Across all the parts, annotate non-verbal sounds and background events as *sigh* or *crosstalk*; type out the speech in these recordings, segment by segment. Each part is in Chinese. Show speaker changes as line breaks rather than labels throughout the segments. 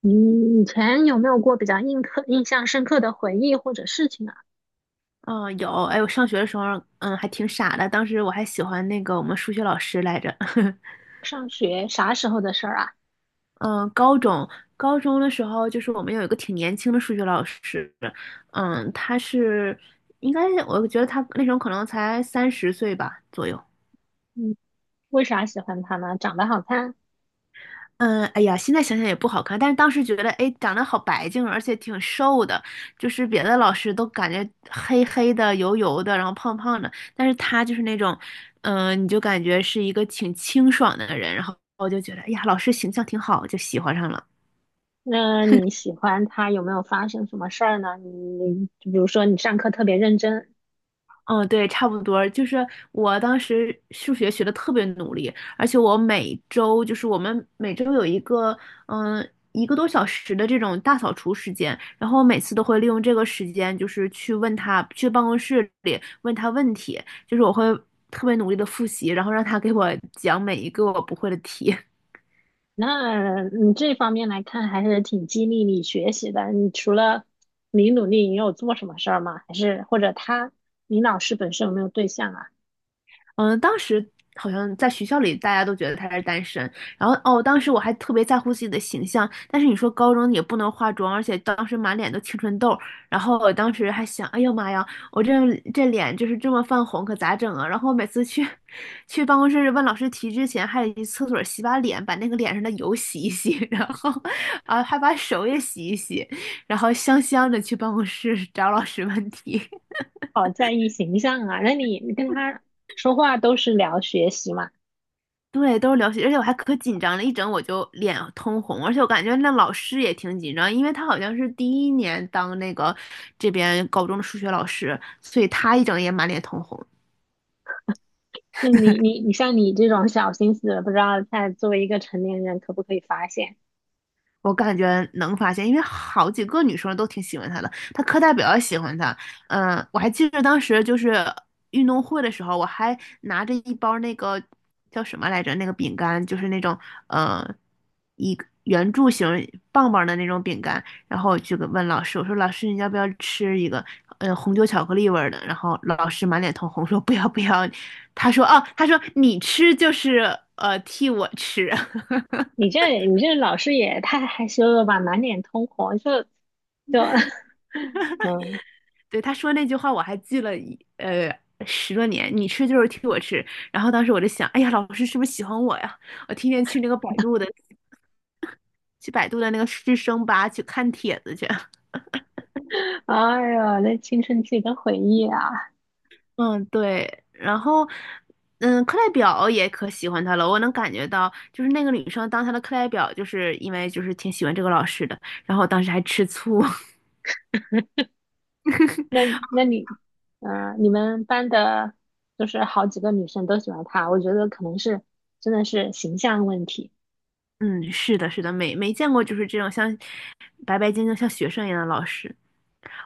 你以前有没有过比较印刻、印象深刻的回忆或者事情啊？
嗯，有，哎，我上学的时候，还挺傻的。当时我还喜欢那个我们数学老师来着。*laughs*
上学啥时候的事儿啊？
嗯，高中高中的时候，就是我们有一个挺年轻的数学老师，嗯，他是应该我觉得他那时候可能才30岁吧左右。
嗯，为啥喜欢他呢？长得好看？
嗯，哎呀，现在想想也不好看，但是当时觉得，哎，长得好白净，而且挺瘦的，就是别的老师都感觉黑黑的、油油的，然后胖胖的，但是他就是那种，你就感觉是一个挺清爽的人，然后我就觉得，哎呀，老师形象挺好，就喜欢上了。
那你喜欢他有没有发生什么事儿呢？你就比如说你上课特别认真，
嗯，对，差不多。就是我当时数学学的特别努力，而且我们每周有一个嗯一个多小时的这种大扫除时间，然后我每次都会利用这个时间，就是去问他，去办公室里问他问题，就是我会特别努力的复习，然后让他给我讲每一个我不会的题。
那你这方面来看还是挺激励你学习的。你除了你努力，你有做什么事儿吗？还是或者他，你老师本身有没有对象啊？
嗯，当时好像在学校里大家都觉得他是单身，然后哦，当时我还特别在乎自己的形象，但是你说高中也不能化妆，而且当时满脸都青春痘，然后我当时还想，哎呦妈呀，我这脸就是这么泛红，可咋整啊？然后每次去办公室问老师题之前，还得去厕所洗把脸，把那个脸上的油洗一洗，*laughs* 然后啊还把手也洗一洗，然后香香的去办公室找老师问题。
好在意形象啊？那你跟他说话都是聊学习嘛？
对，都是流血，而且我还可紧张了，一整我就脸通红，而且我感觉那老师也挺紧张，因为他好像是第一年当那个这边高中的数学老师，所以他一整也满脸通红。
那你像你这种小心思，不知道在作为一个成年人可不可以发现？
我感觉能发现，因为好几个女生都挺喜欢他的，他课代表也喜欢他。我还记得当时就是运动会的时候，我还拿着一包那个叫什么来着，那个饼干，就是那种呃一个圆柱形棒棒的那种饼干，然后我就给问老师，我说老师你要不要吃一个？红酒巧克力味儿的。然后老师满脸通红说不要不要，他说你吃就是替我吃。
你这你这老师也太害羞了吧，满脸通红，就 *laughs*，嗯，
对，他说那句话我还记了10多年。你吃就是替我吃。然后当时我就想，哎呀，老师是不是喜欢我呀？我天天去那个百度的，去百度的那个师生吧去看帖子去。*laughs*
哎呦，那青春期的回忆啊，
嗯，对。然后，课代表也可喜欢他了。我能感觉到，就是那个女生当他的课代表，就是因为挺喜欢这个老师的。然后我当时还吃醋。*laughs*
那那你，嗯、你们班的，就是好几个女生都喜欢他，我觉得可能是真的是形象问题，
嗯，是的，是的，没见过就是这种像白白净净像学生一样的老师。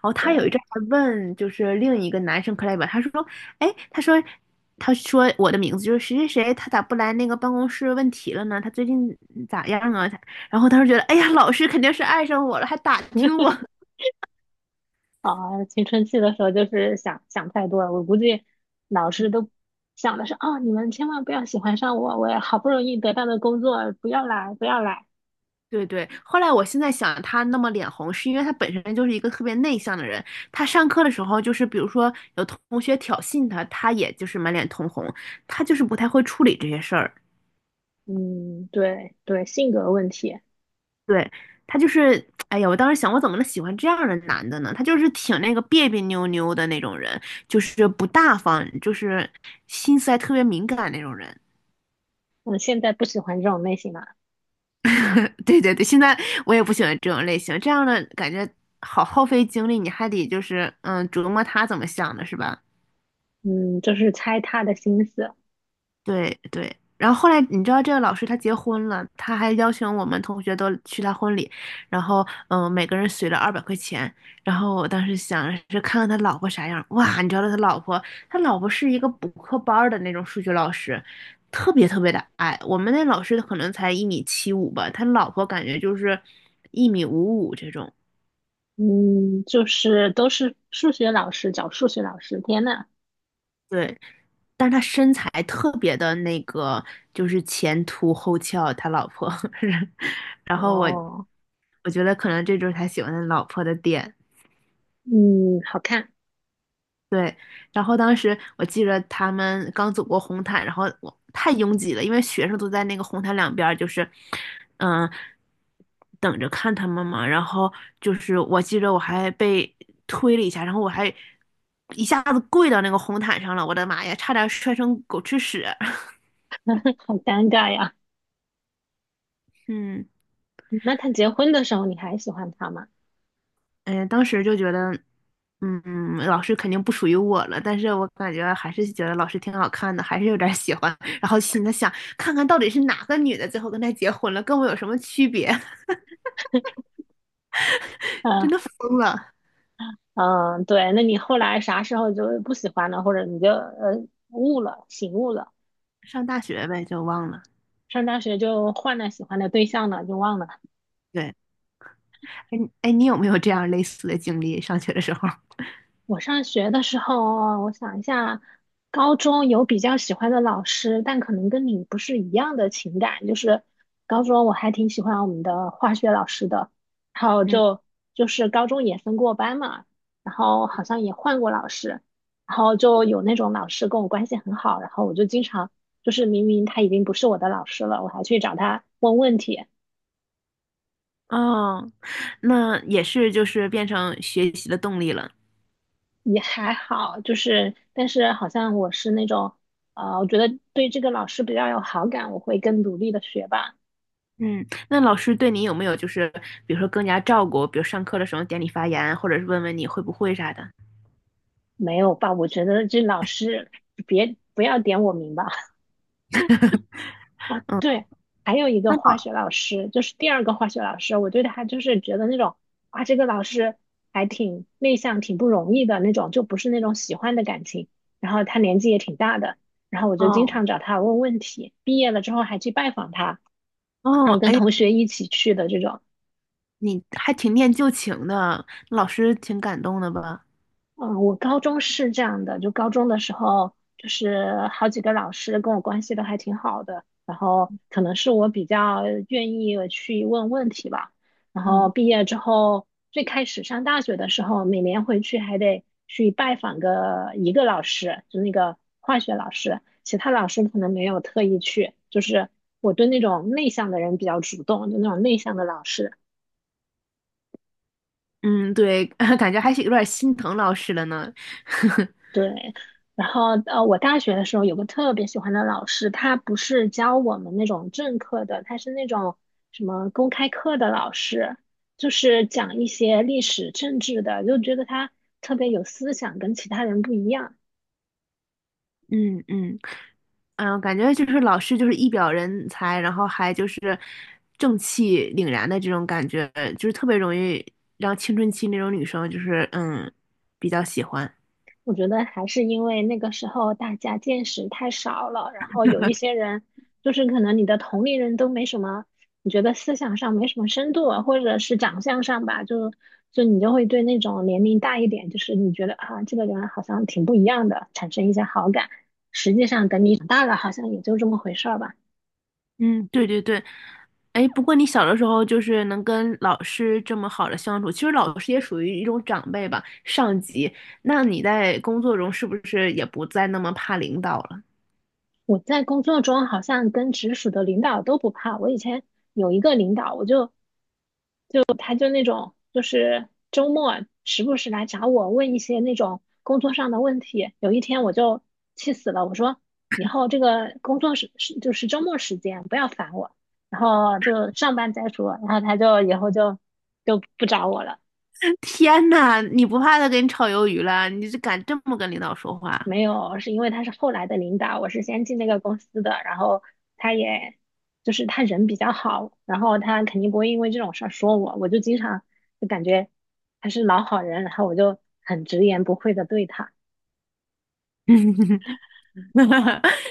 哦，他有一
对，
阵还问，就是另一个男生 CLE 他说，哎，他说我的名字就是谁谁谁，他咋不来那个办公室问题了呢？他最近咋样啊？然后他说觉得，哎呀，老师肯定是爱上我了，还打听我。
*laughs*
*laughs*
啊，青春期的时候就是想想太多了，我估计老师都想的是啊，你们千万不要喜欢上我，我也好不容易得到的工作，不要来，不要来。
对对，后来我现在想，他那么脸红，是因为他本身就是一个特别内向的人。他上课的时候，就是比如说有同学挑衅他，他也就是满脸通红，他就是不太会处理这些事儿。
嗯，对对，性格问题。
对，他就是，哎呀，我当时想，我怎么能喜欢这样的男的呢？他就是挺那个别别扭扭的那种人，就是不大方，就是心思还特别敏感那种人。
我现在不喜欢这种类型了。
*laughs* 对对对，现在我也不喜欢这种类型，这样的感觉好耗费精力，你还得就是琢磨他怎么想的，是吧？
嗯，就是猜他的心思。
对对，然后后来你知道这个老师他结婚了，他还邀请我们同学都去他婚礼，然后每个人随了200块钱，然后我当时想着是看看他老婆啥样，哇，你知道他老婆是一个补课班儿的那种数学老师，特别特别的矮，我们那老师可能才1.75米吧，他老婆感觉就是1.55米这种，
嗯，就是都是数学老师，找数学老师，天呐。
对，但是他身材特别的那个，就是前凸后翘，他老婆，*laughs* 然后我
哦，
我觉得可能这就是他喜欢的老婆的点，
嗯，好看，
对。然后当时我记着他们刚走过红毯，然后我太拥挤了，因为学生都在那个红毯两边儿，就是嗯、等着看他们嘛。然后就是我记着我还被推了一下，然后我还一下子跪到那个红毯上了，我的妈呀，差点摔成狗吃屎。*laughs*
好尴尬呀。
嗯。
那他结婚的时候，你还喜欢他吗？
嗯，当时就觉得，老师肯定不属于我了，但是我感觉还是觉得老师挺好看的，还是有点喜欢。*laughs* 然后心里想，看看到底是哪个女的最后跟他结婚了，跟我有什么区别？*laughs* 真
呃
的疯了。
嗯，对，那你后来啥时候就不喜欢了，或者你就悟了、醒悟了，
上大学呗，就忘了。
上大学就换了喜欢的对象了，就忘了。
对，哎哎，你有没有这样类似的经历？上学的时候？*laughs*
我上学的时候，我想一下，高中有比较喜欢的老师，但可能跟你不是一样的情感。就是高中我还挺喜欢我们的化学老师的，然后
嗯，
就是高中也分过班嘛，然后好像也换过老师，然后就有那种老师跟我关系很好，然后我就经常就是明明他已经不是我的老师了，我还去找他问问题。
哦，那也是，就是变成学习的动力了。
也还好，就是但是好像我是那种，我觉得对这个老师比较有好感，我会更努力的学吧。
嗯，那老师对你有没有就是，比如说更加照顾，比如上课的时候点你发言，或者是问问你会不会啥的？
没有吧？我觉得这老师别不要点我名吧。*laughs*
嗯。
对，还有一个
那
化学
好，
老师，就是第二个化学老师，我对他就是觉得那种啊，这个老师还挺内向，挺不容易的那种，就不是那种喜欢的感情。然后他年纪也挺大的，然后我就经
哦
常找他问问题，毕业了之后还去拜访他。
哦，
然后跟
哎，
同学一起去的这种。
你还挺念旧情的，老师挺感动的吧？
嗯，我高中是这样的，就高中的时候，就是好几个老师跟我关系都还挺好的，然后可能是我比较愿意去问问题吧。然后
嗯
毕业之后，最开始上大学的时候，每年回去还得去拜访个一个老师，就那个化学老师，其他老师可能没有特意去。就是我对那种内向的人比较主动，就那种内向的老师。
嗯，对，*laughs* 感觉还是有点心疼老师了呢。*laughs*
对，然后我大学的时候有个特别喜欢的老师，他不是教我们那种正课的，他是那种什么公开课的老师，就是讲一些历史政治的，就觉得他特别有思想，跟其他人不一样。
嗯嗯嗯，感觉就是老师就是一表人才，然后还就是正气凛然的这种感觉，就是特别容易让青春期那种女生就是比较喜欢。
我觉得还是因为那个时候大家见识太少了，然后有一些人就是可能你的同龄人都没什么，你觉得思想上没什么深度啊或者是长相上吧，就你就会对那种年龄大一点，就是你觉得啊这个人好像挺不一样的，产生一些好感。实际上等你长大了，好像也就这么回事儿吧。
嗯，对对对，哎，不过你小的时候就是能跟老师这么好的相处，其实老师也属于一种长辈吧，上级。那你在工作中是不是也不再那么怕领导了？
我在工作中好像跟直属的领导都不怕，我以前有一个领导，我就。就他就那种就是周末时不时来找我问一些那种工作上的问题。有一天我就气死了，我说以后这个工作时时就是周末时间不要烦我，然后就上班再说。然后他就以后就不找我了。
*laughs* 天呐，你不怕他给你炒鱿鱼了？你就敢这么跟领导说话？
没有，是因为他是后来的领导，我是先进那个公司的，然后他也就是他人比较好，然后他肯定不会因为这种事儿说我，我就经常就感觉他是老好人，然后我就很直言不讳的对他。
*laughs*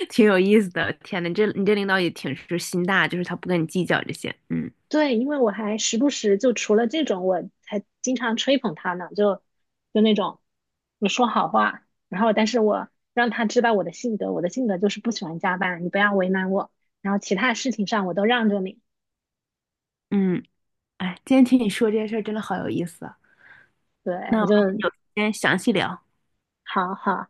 挺有意思的。天呐，你这领导也挺是心大，就是他不跟你计较这些。嗯
对，因为我还时不时就除了这种，我还经常吹捧他呢，就那种我说好话，然后但是我让他知道我的性格，我的性格就是不喜欢加班，你不要为难我，然后其他事情上我都让着你。
嗯，哎，今天听你说这些事儿真的好有意思啊。那我
对，
们
就
有时间详细聊。
好好